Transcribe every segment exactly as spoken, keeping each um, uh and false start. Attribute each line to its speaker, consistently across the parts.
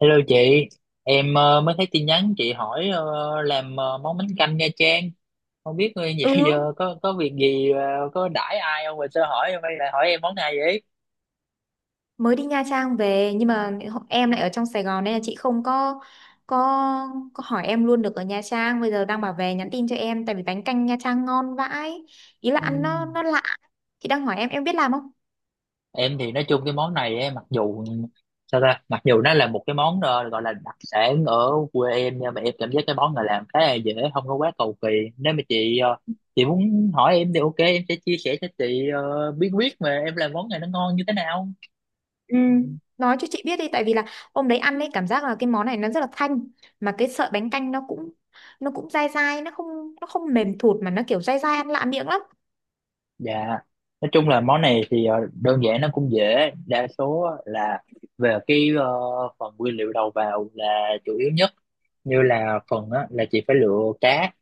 Speaker 1: Hello chị, em ờ, mới thấy tin nhắn chị hỏi ờ, làm ờ, món bánh canh Nha Trang. Không biết người dạo
Speaker 2: Ừ,
Speaker 1: giờ có có việc gì ờ, có đãi ai không mà sao hỏi em hay lại hỏi em món này vậy?
Speaker 2: mới đi Nha Trang về nhưng mà em lại ở trong Sài Gòn nên là chị không có có có hỏi em luôn được ở Nha Trang. Bây giờ đang bảo về nhắn tin cho em tại vì bánh canh Nha Trang ngon vãi. Ý là
Speaker 1: Ừ.
Speaker 2: ăn nó nó lạ. Chị đang hỏi em em biết làm không?
Speaker 1: Em thì nói chung cái món này ấy, mặc dù sao ta, mặc dù nó là một cái món ờ, gọi là đặc sản ở quê em nhưng mà em cảm giác cái món này làm khá là dễ, không có quá cầu kỳ. Nếu mà chị ờ, chị muốn hỏi em thì ok, em sẽ chia sẻ cho chị ờ, bí quyết mà em làm món này nó ngon như thế nào.
Speaker 2: Ừ. Nói cho chị biết đi tại vì là hôm đấy ăn ấy cảm giác là cái món này nó rất là thanh, mà cái sợi bánh canh nó cũng nó cũng dai dai, nó không nó không mềm thụt mà nó kiểu dai dai ăn lạ miệng lắm.
Speaker 1: Dạ, nói chung là món này thì ờ, đơn giản nó cũng dễ, đa số á là về cái ờ, phần nguyên liệu đầu vào là chủ yếu nhất, như là phần á, là chị phải lựa cá,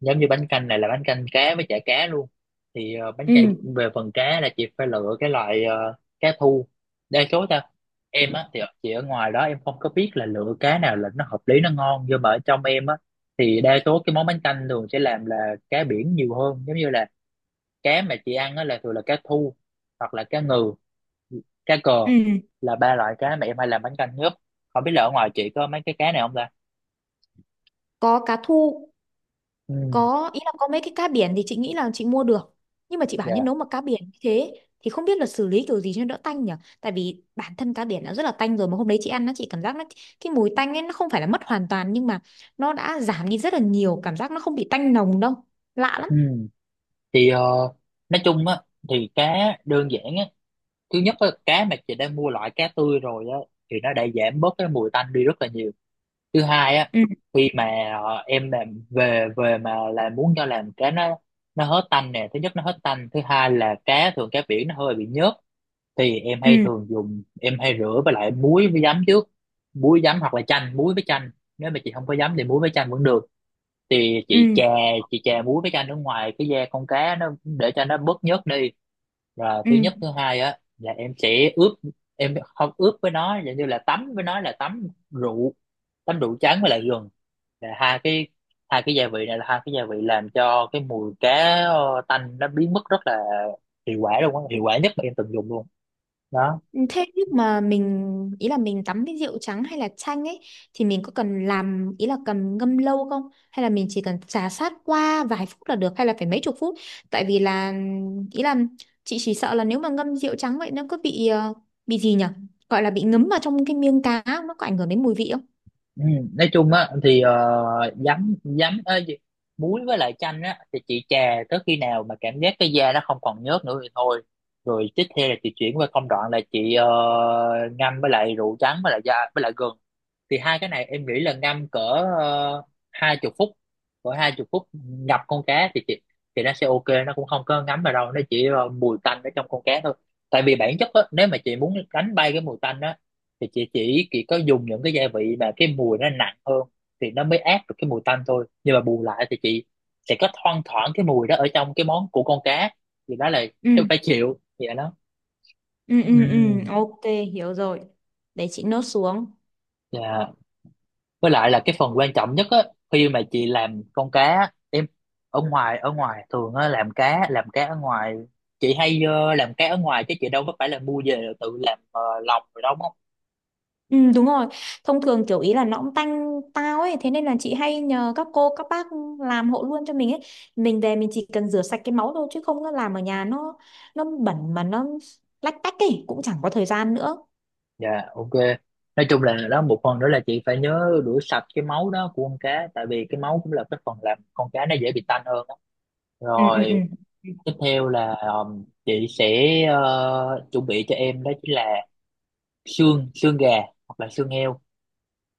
Speaker 1: giống như bánh canh này là bánh canh cá với chả cá luôn, thì ờ, bánh canh
Speaker 2: Ừ,
Speaker 1: về phần cá là chị phải lựa cái loại ờ, cá thu, đa số ta em á thì ở- chị ở ngoài đó em không có biết là lựa cá nào là nó hợp lý nó ngon, nhưng mà ở trong em á thì đa số cái món bánh canh thường sẽ làm là cá biển nhiều hơn, giống như là cá mà chị ăn á là thường là cá thu hoặc là cá ngừ, cá cờ
Speaker 2: ừ.
Speaker 1: là ba loại cá mà em hay làm bánh canh nhất. Không biết là ở ngoài chị có mấy cái cá này không ta.
Speaker 2: Có cá thu,
Speaker 1: Ừ,
Speaker 2: có ý là có mấy cái cá biển thì chị nghĩ là chị mua được, nhưng mà chị bảo nhân
Speaker 1: dạ,
Speaker 2: nấu mà cá biển như thế thì không biết là xử lý kiểu gì cho nó đỡ tanh nhỉ. Tại vì bản thân cá biển đã rất là tanh rồi, mà hôm đấy chị ăn nó chị cảm giác nó, cái mùi tanh ấy nó không phải là mất hoàn toàn nhưng mà nó đã giảm đi rất là nhiều, cảm giác nó không bị tanh nồng đâu, lạ lắm.
Speaker 1: ừ, thì ờ, nói chung á thì cá đơn giản á, thứ nhất á cá mà chị đã mua loại cá tươi rồi á thì nó đã giảm bớt cái mùi tanh đi rất là nhiều. Thứ hai á,
Speaker 2: Ừ
Speaker 1: khi mà ờ, em làm về về mà là muốn cho làm cá nó nó hết tanh nè, thứ nhất nó hết tanh, thứ hai là cá thường cá biển nó hơi bị nhớt thì em
Speaker 2: ừ,
Speaker 1: hay thường dùng, em hay rửa với lại muối với giấm trước, muối giấm hoặc là chanh, muối với chanh. Nếu mà chị không có giấm thì muối với chanh vẫn được. Thì chị
Speaker 2: ừ,
Speaker 1: chà, chị chà muối với chanh ở ngoài cái da con cá nó để cho nó bớt nhớt đi. Rồi
Speaker 2: ừ,
Speaker 1: thứ nhất thứ hai á là em sẽ ướp, em không ướp với nó giống như là tắm với nó, là tắm rượu, tắm rượu trắng với lại gừng, là hai cái, hai cái gia vị này là hai cái gia vị làm cho cái mùi cá ờ, tanh nó biến mất rất là hiệu quả luôn á, hiệu quả nhất mà em từng dùng luôn đó.
Speaker 2: ừ. Thế nhưng mà mình ý là mình tắm với rượu trắng hay là chanh ấy thì mình có cần làm, ý là cần ngâm lâu không, hay là mình chỉ cần trà sát qua vài phút là được hay là phải mấy chục phút? Tại vì là, ý là, chị chỉ sợ là nếu mà ngâm rượu trắng vậy nó có bị ờ, bị gì nhỉ, gọi là bị ngấm vào trong cái miếng cá không? Nó có ảnh hưởng đến mùi vị không?
Speaker 1: Ừ, nói chung á thì ờ, giấm giấm ơ, gì- muối với lại chanh á thì chị chà tới khi nào mà cảm giác cái da nó không còn nhớt nữa thì thôi. Rồi tiếp theo là chị chuyển qua công đoạn là chị ờ, ngâm với lại rượu trắng với lại da với lại gừng, thì hai cái này em nghĩ là ngâm cỡ uh, hai chục phút, cỡ hai chục phút ngập con cá thì chị, thì nó sẽ ok, nó cũng không có ngấm vào đâu, nó chỉ ờ, mùi tanh ở trong con cá thôi. Tại vì bản chất á, nếu mà chị muốn đánh bay cái mùi tanh á thì chị chỉ chỉ có dùng những cái gia vị mà cái mùi nó nặng hơn thì nó mới át được cái mùi tanh thôi. Nhưng mà bù lại thì chị sẽ có thoang thoảng cái mùi đó ở trong cái món của con cá, thì đó là
Speaker 2: Ừ,
Speaker 1: cái phải chịu vậy đó.
Speaker 2: ừ, ừ, ừ,
Speaker 1: Ừm,
Speaker 2: ok, hiểu rồi. Để chị nốt xuống.
Speaker 1: dạ. Với lại là cái phần quan trọng nhất á, khi mà chị làm con cá á, em ở ngoài ở ngoài thường á làm cá, làm cá ở ngoài, chị hay ờ, làm cá ở ngoài chứ chị đâu có phải là mua về tự làm ờ, lòng rồi đâu.
Speaker 2: Ừ, đúng rồi, thông thường kiểu ý là nó cũng tanh tao ấy, thế nên là chị hay nhờ các cô các bác làm hộ luôn cho mình ấy, mình về mình chỉ cần rửa sạch cái máu thôi, chứ không nó làm ở nhà nó nó bẩn mà nó lách tách ấy cũng chẳng có thời gian nữa.
Speaker 1: Dạ, ok. Nói chung là đó, một phần nữa là chị phải nhớ rửa sạch cái máu đó của con cá tại vì cái máu cũng là cái phần làm con cá nó dễ bị tanh hơn đó.
Speaker 2: Ừ, ừ,
Speaker 1: Rồi
Speaker 2: ừ,
Speaker 1: tiếp theo là um, chị sẽ ờ, chuẩn bị cho em đó chính là xương xương gà hoặc là xương heo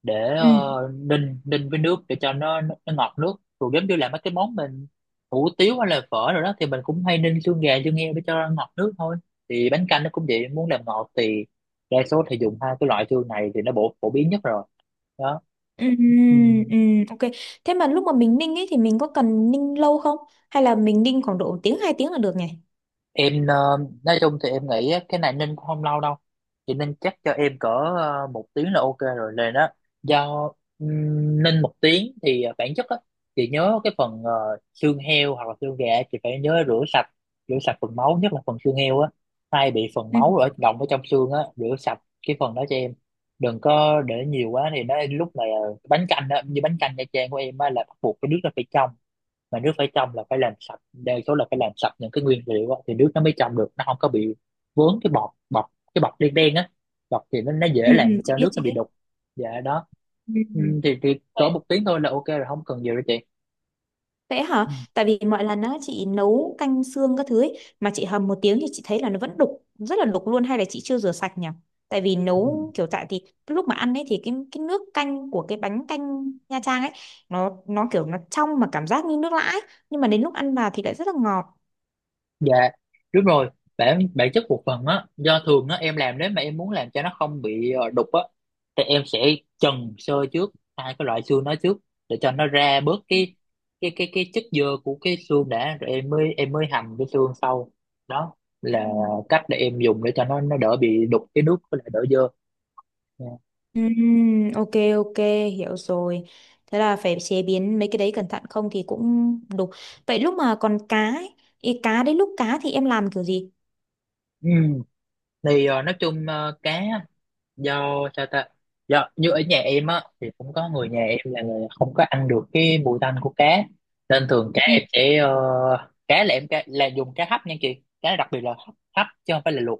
Speaker 1: để
Speaker 2: ừ,
Speaker 1: ờ, ninh ninh với nước để cho nó nó, nó ngọt nước. Rồi giống như là mấy cái món mình hủ tiếu hay là phở rồi đó thì mình cũng hay ninh xương gà xương heo để cho ngọt nước thôi, thì bánh canh nó cũng vậy, muốn làm ngọt thì đa số thì dùng hai cái loại xương này thì nó bổ phổ biến nhất rồi đó.
Speaker 2: ừ, ừ,
Speaker 1: Ừ.
Speaker 2: ừ, ok. Thế mà lúc mà mình ninh ấy thì mình có cần ninh lâu không, hay là mình ninh khoảng độ một tiếng hai tiếng là được nhỉ?
Speaker 1: Em ờ, nói chung thì em nghĩ á, cái này Ninh cũng không lâu đâu, thì Ninh chắc cho em cỡ ờ, một tiếng là ok rồi lên đó. Do ừm, Ninh một tiếng thì ờ, bản chất á, chị nhớ cái phần ờ, xương heo hoặc là xương gà, chị phải nhớ rửa sạch, rửa sạch phần máu, nhất là phần xương heo á hay bị phần
Speaker 2: Ừ,
Speaker 1: máu ở động ở trong xương á, rửa sạch cái phần đó cho em, đừng có để nhiều quá thì nó lúc này ờ, bánh canh á, như bánh canh Nha Trang của em á là bắt buộc cái nước nó phải trong, mà nước phải trong là phải làm sạch, đa số là phải làm sạch những cái nguyên liệu á, thì nước nó mới trong được, nó không có bị vướng cái bọt bọt cái bọt đen đen á, bọt thì nó, nó dễ
Speaker 2: ừ, ừ,
Speaker 1: làm
Speaker 2: chị
Speaker 1: cho
Speaker 2: biết
Speaker 1: nước
Speaker 2: chị
Speaker 1: nó bị
Speaker 2: biết.
Speaker 1: đục. Dạ đó.
Speaker 2: Ừ.
Speaker 1: Ừ,
Speaker 2: Ừ.
Speaker 1: thì, thì cỡ một
Speaker 2: Vậy,
Speaker 1: tiếng thôi là ok rồi không cần nhiều đâu chị.
Speaker 2: vậy hả?
Speaker 1: Ừ.
Speaker 2: Tại vì mọi lần á chị nấu canh xương các thứ ấy, mà chị hầm một tiếng thì chị thấy là nó vẫn đục, rất là đục luôn, hay là chị chưa rửa sạch nhỉ? Tại vì
Speaker 1: Ừ. Ừ.
Speaker 2: nấu kiểu tại thì lúc mà ăn ấy thì cái cái nước canh của cái bánh canh Nha Trang ấy, nó nó kiểu nó trong mà cảm giác như nước lã ấy. Nhưng mà đến lúc ăn vào thì lại rất là ngọt.
Speaker 1: Dạ đúng rồi, bản bản chất một phần á do thường á em làm nếu mà em muốn làm cho nó không bị ờ, đục á thì em sẽ trần sơ trước hai cái loại xương đó trước để cho nó ra bớt cái cái cái cái chất dơ của cái xương đã rồi em mới em mới hầm cái xương sau. Đó là
Speaker 2: Ừm.
Speaker 1: cách để em dùng để cho nó nó đỡ bị đục cái nước với lại đỡ dơ. Dạ.
Speaker 2: Ừm, ok, ok, hiểu rồi. Thế là phải chế biến mấy cái đấy cẩn thận không thì cũng đục. Vậy lúc mà còn cá ấy, ý cá đấy lúc cá thì em làm kiểu gì?
Speaker 1: Ừ. Thì ờ, nói chung ờ, cá, do sao ta, do như ở nhà em á thì cũng có người nhà em là người không có ăn được cái mùi tanh của cá nên thường cá
Speaker 2: Ừ.
Speaker 1: em sẽ ờ, cá là em cá, là dùng cá hấp nha chị, cá đặc biệt là hấp, hấp chứ không phải là luộc.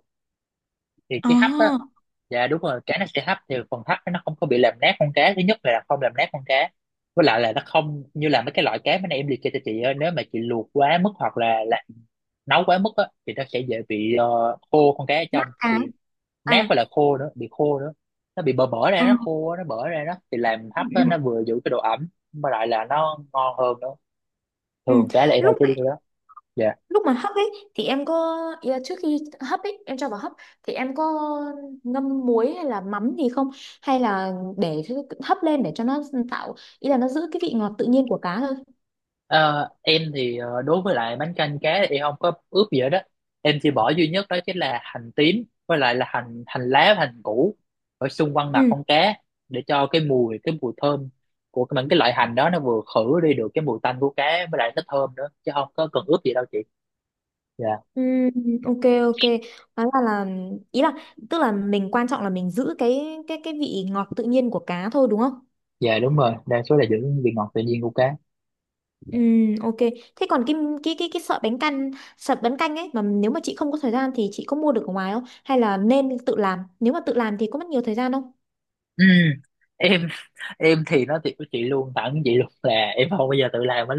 Speaker 1: Thì cái hấp á,
Speaker 2: À,
Speaker 1: dạ đúng rồi cá nó sẽ hấp thì phần hấp nó không có bị làm nát con cá, thứ nhất là không làm nát con cá, với lại là nó không như là mấy cái loại cá bên em liệt kê cho chị á, nếu mà chị luộc quá mức hoặc là, là nấu quá mức á thì nó sẽ dễ bị ờ, khô con cá ở
Speaker 2: nát
Speaker 1: trong,
Speaker 2: á.
Speaker 1: thì
Speaker 2: À.
Speaker 1: nát với là khô nữa, bị khô nữa, nó bị bở bở ra,
Speaker 2: À.
Speaker 1: nó khô nó bở ra đó, thì làm
Speaker 2: Ừ,
Speaker 1: hấp á,
Speaker 2: ừ,
Speaker 1: nó vừa giữ cái độ ẩm mà lại là nó ngon hơn nữa.
Speaker 2: ừ.
Speaker 1: Thường cá là em hay
Speaker 2: lúc
Speaker 1: chế
Speaker 2: mà
Speaker 1: biến cái đó. Dạ.
Speaker 2: Lúc mà hấp ấy thì em có, ý là trước khi hấp ấy em cho vào hấp thì em có ngâm muối hay là mắm gì không, hay là để hấp lên để cho nó tạo, ý là nó giữ cái vị ngọt tự nhiên của cá thôi?
Speaker 1: Ờ, em thì ờ, đối với lại bánh canh cá thì em không có ướp gì hết đó, em chỉ bỏ duy nhất đó chính là hành tím với lại là hành hành lá và hành củ ở xung quanh mặt
Speaker 2: Ừ,
Speaker 1: con cá để cho cái mùi, cái mùi thơm của cái- những cái loại hành đó nó vừa khử đi được cái mùi tanh của cá với lại nó thơm nữa chứ không có cần ướp gì đâu chị. Dạ.
Speaker 2: ừ, ok, ok, đó là là ý là, tức là mình quan trọng là mình giữ cái cái cái vị ngọt tự nhiên của cá thôi đúng không?
Speaker 1: Dạ đúng rồi, đa số là giữ vị ngọt tự nhiên của cá.
Speaker 2: Ừ, ok. Thế còn cái cái cái cái sợi bánh căn, sợi bánh canh ấy mà nếu mà chị không có thời gian thì chị có mua được ở ngoài không? Hay là nên tự làm? Nếu mà tự làm thì có mất nhiều thời gian không?
Speaker 1: Ừ, em em thì nói thiệt với chị luôn, thẳng với chị luôn là em không bao giờ tự làm bánh,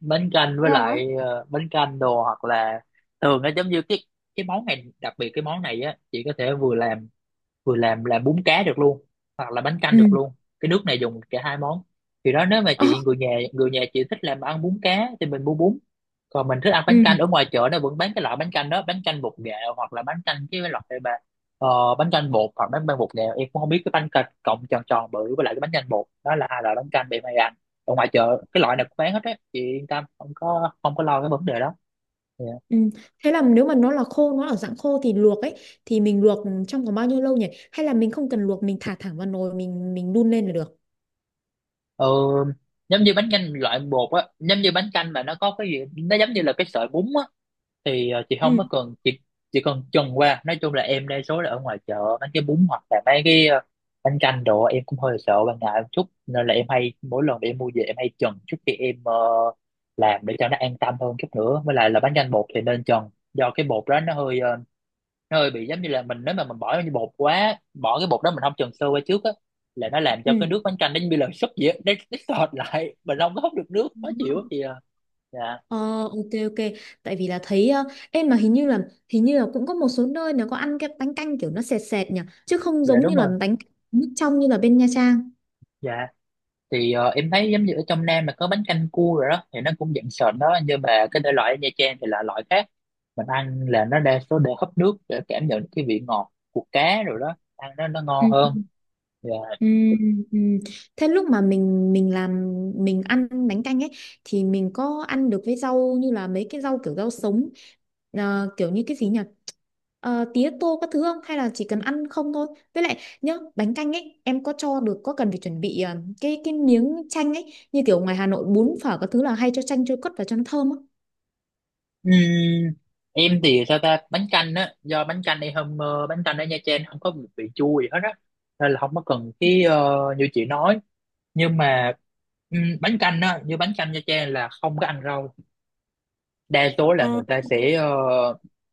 Speaker 1: bánh canh với
Speaker 2: Thế hả?
Speaker 1: lại ờ, bánh canh đồ hoặc là thường nó giống như cái cái món này, đặc biệt cái món này á chị có thể vừa làm, vừa làm làm bún cá được luôn hoặc là bánh canh được
Speaker 2: Ừ.
Speaker 1: luôn. Cái nước này dùng cả hai món, thì đó nếu mà
Speaker 2: Ờ,
Speaker 1: chị người nhà, người nhà chị thích làm ăn bún cá thì mình mua bún, còn mình thích ăn
Speaker 2: ừ.
Speaker 1: bánh canh ở ngoài chợ nó vẫn bán cái loại bánh canh đó, bánh canh bột nghệ hoặc là bánh canh cái loại mà ờ, bánh canh bột hoặc bánh bánh bột nghệ em cũng không biết, cái bánh canh cọng tròn tròn bự với lại cái bánh canh bột đó là hai loại bánh canh để mày ăn ở ngoài chợ. Cái loại này cũng bán hết á, chị yên tâm, không có không có lo cái vấn đề đó. Dạ.
Speaker 2: Ừ. Thế là nếu mà nó là khô, nó ở dạng khô thì luộc ấy, thì mình luộc trong vòng bao nhiêu lâu nhỉ? Hay là mình không cần luộc, mình thả thẳng vào nồi mình mình đun lên là được.
Speaker 1: Ờ, Giống như bánh canh loại bột á, giống như bánh canh mà nó có cái gì nó giống như là cái sợi bún á, thì ờ, chị không
Speaker 2: Ừ.
Speaker 1: có cần chị chỉ cần trần qua. Nói chung là em đa số là ở ngoài chợ mấy cái bún hoặc là mấy cái ờ, bánh canh đồ em cũng hơi sợ và ngại một chút, nên là em hay mỗi lần để em mua về em hay trần trước khi em ờ, làm, để cho nó an tâm hơn chút nữa. Với lại là bánh canh bột thì nên trần, do cái bột đó nó hơi ờ, nó hơi bị giống như là mình, nếu mà mình bỏ như bột quá, bỏ cái bột đó mình không chần sơ qua trước á là nó làm cho cái nước bánh canh nó như là súp vậy á, nó, nó sệt lại, mình không có hút được nước,
Speaker 2: Ừ.
Speaker 1: khó chịu lắm chị à. Dạ.
Speaker 2: Ờ, ok, ok, tại vì là thấy ờ, em mà hình như là hình như là cũng có một số nơi nó có ăn cái bánh canh kiểu nó sệt sệt nhỉ, chứ không
Speaker 1: Dạ
Speaker 2: giống
Speaker 1: đúng
Speaker 2: như là
Speaker 1: rồi.
Speaker 2: bánh nước trong như là bên Nha Trang.
Speaker 1: Dạ, thì ờ, em thấy giống như ở trong Nam mà có bánh canh cua rồi đó thì nó cũng dạng sệt đó, nhưng mà cái thể loại ở Nha Trang thì là loại khác. Mình ăn là nó đa số để hấp nước để cảm nhận cái vị ngọt của cá rồi đó, ăn nó nó
Speaker 2: Ừ.
Speaker 1: ngon hơn. Dạ.
Speaker 2: Ừ, ừ. Thế lúc mà mình mình làm, mình ăn bánh canh ấy thì mình có ăn được với rau như là mấy cái rau kiểu rau sống, ờ, kiểu như cái gì nhỉ, ờ, tía tô các thứ không, hay là chỉ cần ăn không thôi? Với lại nhá bánh canh ấy em có cho được, có cần phải chuẩn bị ờ, cái cái miếng chanh ấy như kiểu ngoài Hà Nội bún phở các thứ là hay cho chanh cho cất vào cho nó thơm á?
Speaker 1: Ừm, em thì sao ta, bánh canh á, do bánh canh đây hôm ờ, bánh canh ở Nha Trang không có một vị chua gì hết á, nên là không có cần cái ờ, như chị nói. Nhưng mà ừm, bánh canh á, như bánh canh Nha Trang là không có ăn rau. Đa số là người
Speaker 2: À,
Speaker 1: ta sẽ ờ,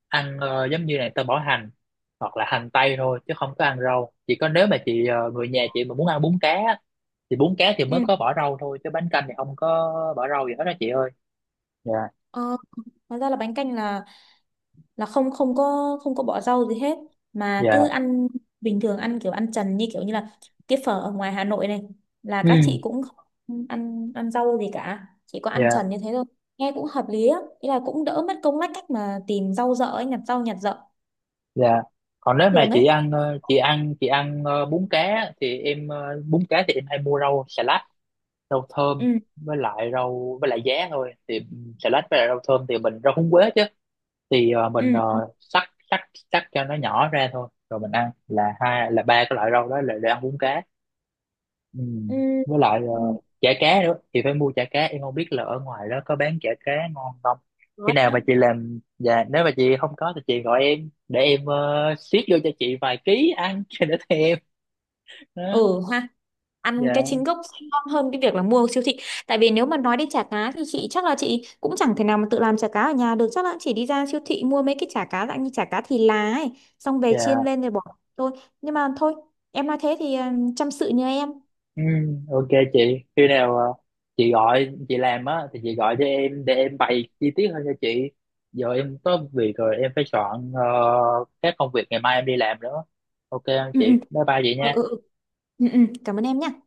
Speaker 1: ăn ờ, giống như này ta bỏ hành hoặc là hành tây thôi chứ không có ăn rau. Chỉ có nếu mà chị ờ, người nhà chị mà muốn ăn bún cá á, thì bún cá thì mới
Speaker 2: ừ.
Speaker 1: có bỏ rau thôi, chứ bánh canh thì không có bỏ rau gì hết đó chị ơi. Dạ.
Speaker 2: Ờ, hóa ra là bánh canh là là không không có không có bỏ rau gì hết mà cứ
Speaker 1: Dạ.
Speaker 2: ăn bình thường, ăn kiểu ăn trần như kiểu như là cái phở ở ngoài Hà Nội này, là
Speaker 1: Ừ.
Speaker 2: các chị cũng không ăn ăn rau gì cả, chỉ có ăn
Speaker 1: Dạ.
Speaker 2: trần như thế thôi, nghe cũng hợp lý á, ý là cũng đỡ mất công lách cách mà tìm rau dợ ấy nhặt rau nhặt dợ
Speaker 1: Dạ. Còn nếu mà
Speaker 2: thường
Speaker 1: chị
Speaker 2: ấy.
Speaker 1: ăn ờ, chị ăn chị ăn ờ, bún cá thì em ờ, bún cá thì em hay mua rau xà lách, rau thơm
Speaker 2: Ừ,
Speaker 1: với lại rau với lại giá thôi. Thì xà lách với lại rau thơm thì mình rau húng quế chứ, thì ờ, mình
Speaker 2: ừ,
Speaker 1: ờ, cắt cắt cắt cho nó nhỏ ra thôi, rồi mình ăn là hai là ba cái loại rau đó là để ăn bún cá. Ừ.
Speaker 2: ừ,
Speaker 1: Với lại
Speaker 2: ừ.
Speaker 1: ờ, chả cá nữa, chị phải mua chả cá. Em không biết là ở ngoài đó có bán chả cá ngon không, khi nào mà
Speaker 2: Nói.
Speaker 1: chị làm. Dạ, nếu mà chị không có thì chị gọi em để em uh, xiết vô cho chị vài ký ăn cho đỡ thèm đó.
Speaker 2: Ừ ha, ăn cái
Speaker 1: Dạ.
Speaker 2: chính gốc sẽ ngon hơn cái việc là mua ở siêu thị, tại vì nếu mà nói đến chả cá thì chị chắc là chị cũng chẳng thể nào mà tự làm chả cá ở nhà được, chắc là chỉ đi ra siêu thị mua mấy cái chả cá dạng như chả cá thì lá ấy, xong về
Speaker 1: Dạ.
Speaker 2: chiên lên rồi bỏ thôi. Nhưng mà thôi, em nói thế thì ừ, chăm sự nhờ em.
Speaker 1: Ừ, ok chị, khi nào ờ, chị gọi chị làm á thì chị gọi cho em để em bày chi tiết hơn cho chị. Giờ em có việc rồi, em phải soạn ờ, các công việc ngày mai em đi làm nữa. Ok không
Speaker 2: Ừ,
Speaker 1: chị?
Speaker 2: ừ,
Speaker 1: Bye bye chị
Speaker 2: ừ, ừ,
Speaker 1: nha.
Speaker 2: ừ. Ừ, ừ. Cảm ơn em nhé.